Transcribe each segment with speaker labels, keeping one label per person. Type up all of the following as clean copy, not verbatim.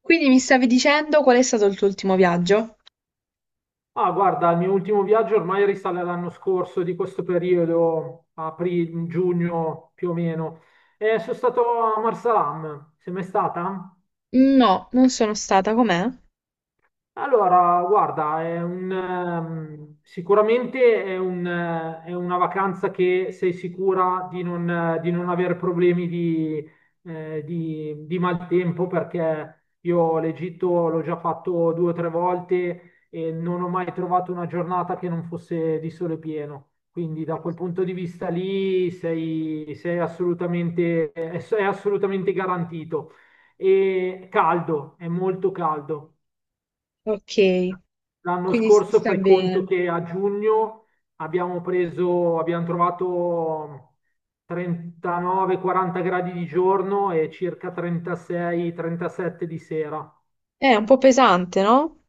Speaker 1: Quindi mi stavi dicendo qual è stato il tuo ultimo viaggio?
Speaker 2: Ah, guarda, il mio ultimo viaggio ormai risale all'anno scorso, di questo periodo, aprile, giugno più o meno. E sono stato a Marsalam. Sei mai stata?
Speaker 1: No, non sono stata, com'è?
Speaker 2: Allora, guarda, sicuramente è una vacanza che sei sicura di non avere problemi di maltempo, perché io l'Egitto l'ho già fatto due o tre volte e non ho mai trovato una giornata che non fosse di sole pieno. Quindi da quel punto di vista lì sei assolutamente, è assolutamente garantito. E caldo, è molto caldo.
Speaker 1: Ok,
Speaker 2: L'anno
Speaker 1: quindi si
Speaker 2: scorso
Speaker 1: sta
Speaker 2: fai conto
Speaker 1: bene.
Speaker 2: che a giugno abbiamo preso, abbiamo trovato 39-40 gradi di giorno e circa 36-37 di sera.
Speaker 1: È un po' pesante, no?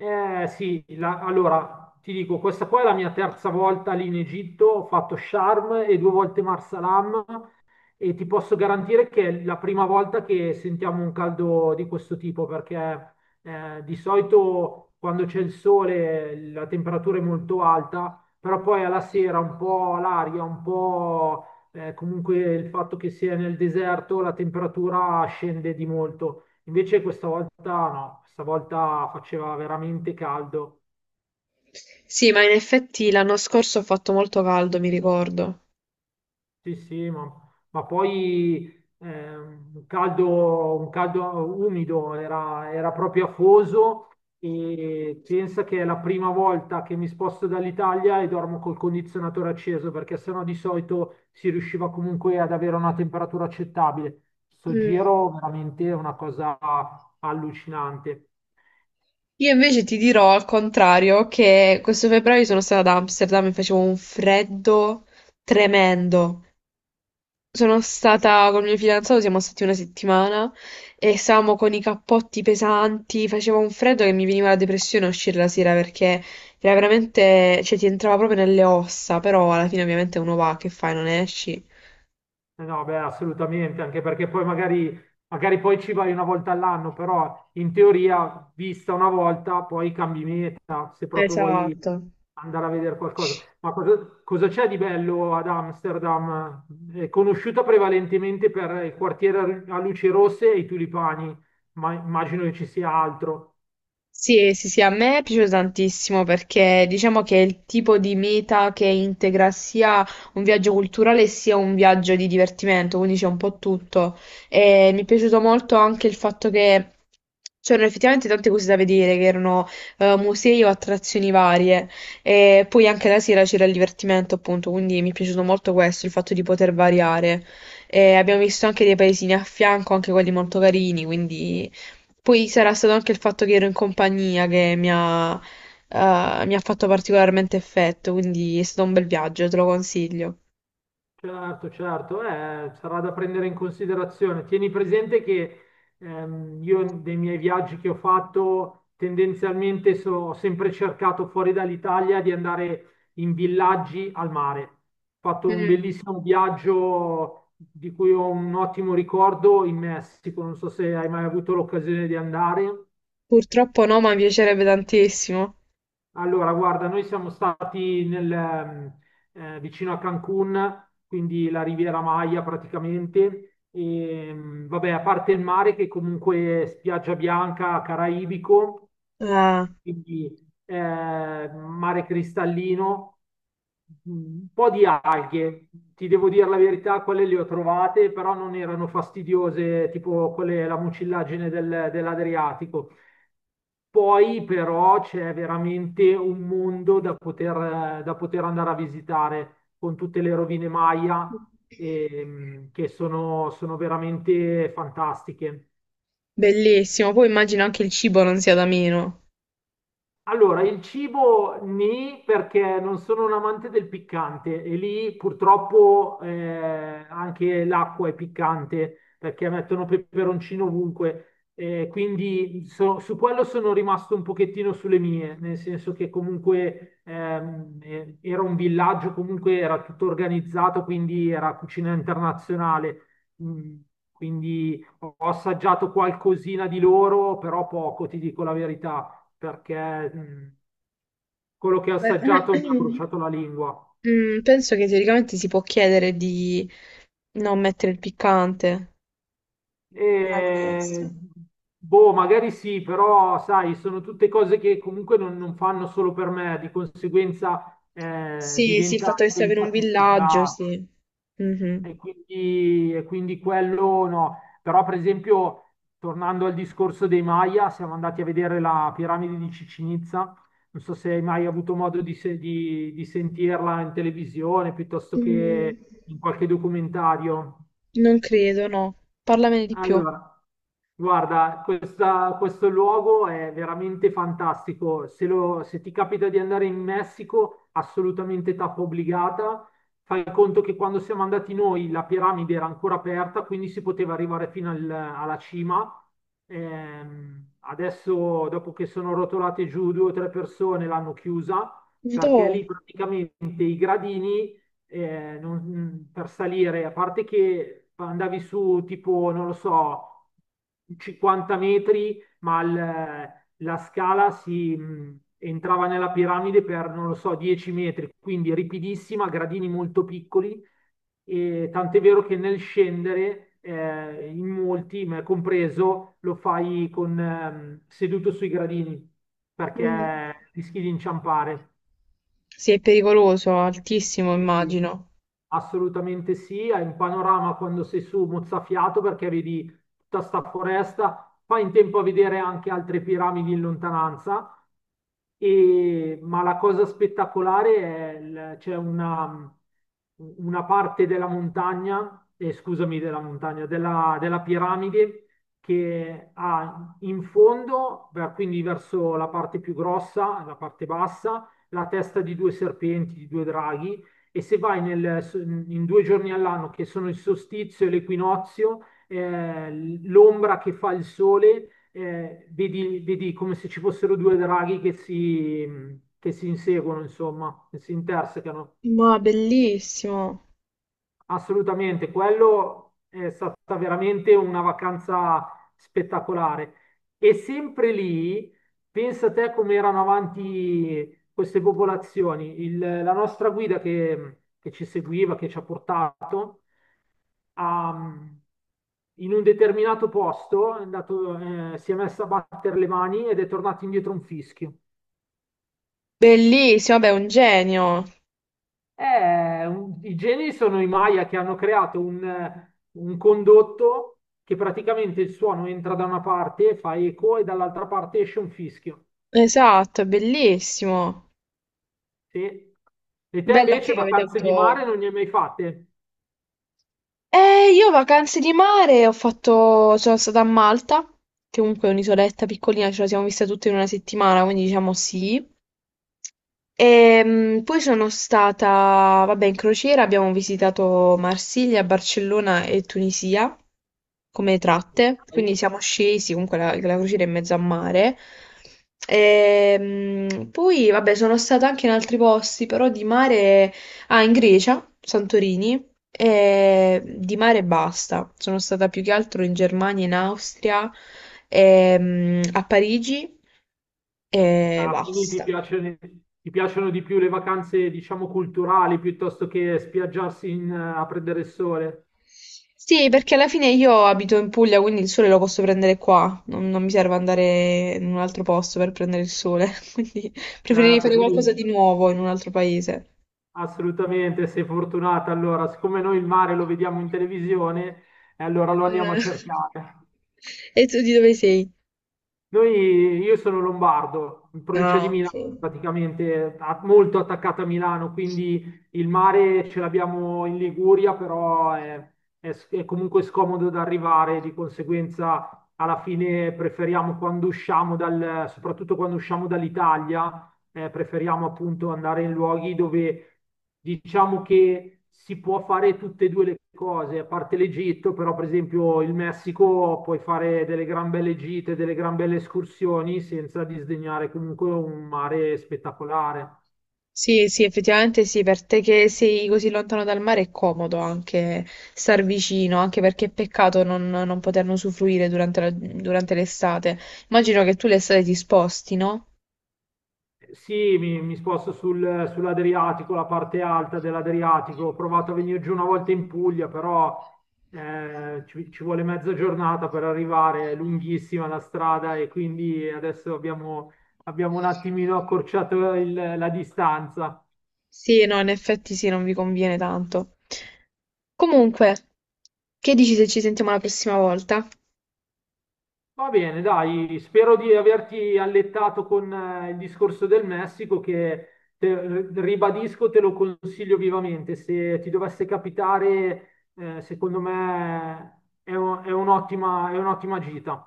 Speaker 2: Eh sì, allora ti dico, questa qua è la mia terza volta lì in Egitto, ho fatto Sharm e due volte Marsalam, e ti posso garantire che è la prima volta che sentiamo un caldo di questo tipo, perché di solito quando c'è il sole la temperatura è molto alta, però poi alla sera un po' l'aria, un po' comunque, il fatto che sia nel deserto, la temperatura scende di molto. Invece questa volta no, questa volta faceva veramente caldo.
Speaker 1: Sì, ma in effetti l'anno scorso ho fatto molto caldo, mi ricordo.
Speaker 2: Sì, sì, ma, ma poi un caldo umido, era proprio afoso, e pensa che è la prima volta che mi sposto dall'Italia e dormo col condizionatore acceso perché sennò di solito si riusciva comunque ad avere una temperatura accettabile. Sto
Speaker 1: Mm.
Speaker 2: giro veramente è una cosa allucinante.
Speaker 1: Io invece ti dirò al contrario che questo febbraio sono stata ad Amsterdam e facevo un freddo tremendo. Sono stata col mio fidanzato, siamo stati una settimana e stavamo con i cappotti pesanti, faceva un freddo che mi veniva la depressione a uscire la sera perché era veramente, cioè ti entrava proprio nelle ossa, però alla fine ovviamente uno va, che fai, non esci?
Speaker 2: Eh no, beh, assolutamente, anche perché poi magari, poi ci vai una volta all'anno, però in teoria, vista una volta, poi cambi meta se proprio vuoi
Speaker 1: Esatto.
Speaker 2: andare a vedere qualcosa. Ma cosa, cosa c'è di bello ad Amsterdam? È conosciuta prevalentemente per il quartiere a luci rosse e i tulipani, ma immagino che ci sia altro.
Speaker 1: Sì, sì, sì, a me è piaciuto tantissimo perché diciamo che è il tipo di meta che integra sia un viaggio culturale sia un viaggio di divertimento, quindi c'è un po' tutto. E mi è piaciuto molto anche il fatto che c'erano effettivamente tante cose da vedere, che erano musei o attrazioni varie. E poi anche la sera c'era il divertimento, appunto, quindi mi è piaciuto molto questo, il fatto di poter variare. E abbiamo visto anche dei paesini a fianco, anche quelli molto carini, quindi... Poi sarà stato anche il fatto che ero in compagnia che mi ha fatto particolarmente effetto, quindi è stato un bel viaggio, te lo consiglio.
Speaker 2: Certo, certo, sarà da prendere in considerazione. Tieni presente che io, dei miei viaggi che ho fatto, tendenzialmente ho sempre cercato, fuori dall'Italia, di andare in villaggi al mare. Ho fatto un
Speaker 1: Mm.
Speaker 2: bellissimo viaggio di cui ho un ottimo ricordo in Messico, non so se hai mai avuto l'occasione di andare.
Speaker 1: Purtroppo no, ma mi piacerebbe tantissimo.
Speaker 2: Allora, guarda, noi siamo stati vicino a Cancun, quindi la Riviera Maya praticamente. E, vabbè, a parte il mare, che comunque è spiaggia bianca, caraibico,
Speaker 1: Ah,
Speaker 2: quindi mare cristallino, un po' di alghe, ti devo dire la verità, quelle le ho trovate, però non erano fastidiose, tipo quelle, la mucillagine dell'Adriatico. Poi però c'è veramente un mondo da poter andare a visitare, con tutte le rovine Maya, che sono veramente fantastiche.
Speaker 1: bellissimo. Poi immagino anche il cibo non sia da meno.
Speaker 2: Allora, il cibo nì, perché non sono un amante del piccante e lì purtroppo, anche l'acqua è piccante perché mettono peperoncino ovunque, quindi su quello sono rimasto un pochettino sulle mie, nel senso che comunque era un villaggio, comunque era tutto organizzato, quindi era cucina internazionale, Mm, quindi ho assaggiato qualcosina di loro, però poco, ti dico la verità, perché quello che ho
Speaker 1: Beh,
Speaker 2: assaggiato mi ha bruciato la lingua.
Speaker 1: mm, penso che teoricamente si può chiedere di non mettere il piccante. Nella
Speaker 2: E,
Speaker 1: minestra.
Speaker 2: boh, magari sì, però sai, sono tutte cose che comunque non, non fanno solo per me, di conseguenza
Speaker 1: Sì, sì, il fatto
Speaker 2: diventa,
Speaker 1: che sia per un
Speaker 2: diventa
Speaker 1: villaggio,
Speaker 2: complicato.
Speaker 1: sì. Mhm.
Speaker 2: E quindi quello no. Però, per esempio, tornando al discorso dei Maya, siamo andati a vedere la piramide di Cicinizza. Non so se hai mai avuto modo di, se- di sentirla in televisione piuttosto
Speaker 1: Mm.
Speaker 2: che in qualche documentario.
Speaker 1: Non credo, no. Parlamene di più.
Speaker 2: Allora, guarda, questo luogo è veramente fantastico. Se, se ti capita di andare in Messico, assolutamente tappa obbligata. Fai conto che quando siamo andati noi la piramide era ancora aperta, quindi si poteva arrivare fino alla cima. Adesso, dopo che sono rotolate giù due o tre persone, l'hanno chiusa,
Speaker 1: Madò,
Speaker 2: perché lì praticamente i gradini per salire, a parte che andavi su tipo, non lo so, 50 metri, ma la scala entrava nella piramide per, non lo so, 10 metri, quindi ripidissima, gradini molto piccoli, e tant'è vero che nel scendere, in molti, me compreso, lo fai con, seduto sui gradini,
Speaker 1: mm,
Speaker 2: perché rischi di inciampare.
Speaker 1: sì, è pericoloso, altissimo,
Speaker 2: Sì, sì.
Speaker 1: immagino.
Speaker 2: Assolutamente sì, hai un panorama quando sei su mozzafiato, perché vedi tutta sta foresta, fai in tempo a vedere anche altre piramidi in lontananza, ma la cosa spettacolare è c'è una parte della montagna, scusami, della montagna, della piramide, che ha in fondo, beh, quindi verso la parte più grossa, la parte bassa, la testa di due serpenti, di due draghi, e se vai in due giorni all'anno, che sono il solstizio e l'equinozio, l'ombra che fa il sole, vedi come se ci fossero due draghi che si inseguono, insomma, che si intersecano.
Speaker 1: Ma bellissimo.
Speaker 2: Assolutamente, quello è stata veramente una vacanza spettacolare. E sempre lì, pensa te come erano avanti queste popolazioni. La nostra guida che ci seguiva, che ci ha portato, ha- in un determinato posto è andato, si è messa a battere le mani ed è tornato indietro un fischio.
Speaker 1: Bellissimo, vabbè, è un genio.
Speaker 2: I geni sono i Maya, che hanno creato un condotto che praticamente il suono entra da una parte, fa eco e dall'altra parte esce un fischio.
Speaker 1: Esatto, è bellissimo.
Speaker 2: Sì. E te
Speaker 1: Bella
Speaker 2: invece
Speaker 1: che avete
Speaker 2: vacanze di
Speaker 1: avuto.
Speaker 2: mare non ne hai mai fatte?
Speaker 1: Io vacanze di mare ho fatto, sono stata a Malta, che comunque è un'isoletta piccolina, ce la siamo vista tutte in una settimana, quindi diciamo sì. Poi sono stata, vabbè, in crociera abbiamo visitato Marsiglia, Barcellona e Tunisia come tratte,
Speaker 2: Dai.
Speaker 1: quindi siamo scesi, comunque la crociera è in mezzo a mare. Poi, vabbè, sono stata anche in altri posti, però di mare, ah, in Grecia, Santorini, e di mare basta. Sono stata più che altro in Germania, in Austria, a Parigi e
Speaker 2: Ah, quindi
Speaker 1: basta.
Speaker 2: ti piacciono di più le vacanze, diciamo, culturali, piuttosto che spiaggiarsi a prendere il sole.
Speaker 1: Sì, perché alla fine io abito in Puglia, quindi il sole lo posso prendere qua. Non mi serve andare in un altro posto per prendere il sole. Quindi preferirei
Speaker 2: Certo,
Speaker 1: fare qualcosa
Speaker 2: quindi
Speaker 1: di nuovo in un altro paese.
Speaker 2: assolutamente, sei fortunata. Allora, siccome noi il mare lo vediamo in televisione, allora lo andiamo a
Speaker 1: Eh,
Speaker 2: cercare.
Speaker 1: e tu di dove sei?
Speaker 2: Io sono lombardo, in provincia di
Speaker 1: Ah,
Speaker 2: Milano,
Speaker 1: sì.
Speaker 2: praticamente molto attaccata a Milano, quindi il mare ce l'abbiamo in Liguria, però è comunque scomodo da arrivare, di conseguenza alla fine preferiamo quando usciamo soprattutto quando usciamo dall'Italia, preferiamo appunto andare in luoghi dove diciamo che si può fare tutte e due le cose, a parte l'Egitto, però per esempio il Messico, puoi fare delle gran belle gite, delle gran belle escursioni, senza disdegnare comunque un mare spettacolare.
Speaker 1: Sì, sì, effettivamente sì, per te che sei così lontano dal mare è comodo anche star vicino, anche perché è peccato non poterne usufruire durante la- durante l'estate. Immagino che tu l'estate ti sposti, no?
Speaker 2: Sì, mi sposto sull'Adriatico, la parte alta dell'Adriatico. Ho provato a venire giù una volta in Puglia, però ci vuole mezza giornata per arrivare, è lunghissima la strada, e quindi adesso abbiamo un attimino accorciato la distanza.
Speaker 1: Sì, no, in effetti sì, non vi conviene tanto. Comunque, che dici se ci sentiamo la prossima volta?
Speaker 2: Va bene, dai, spero di averti allettato con il discorso del Messico, che ribadisco, te lo consiglio vivamente. Se ti dovesse capitare, secondo me è un'ottima gita.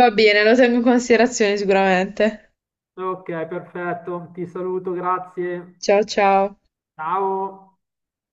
Speaker 1: Va bene, lo tengo in considerazione sicuramente.
Speaker 2: Ok, perfetto, ti saluto, grazie.
Speaker 1: Ciao ciao.
Speaker 2: Ciao.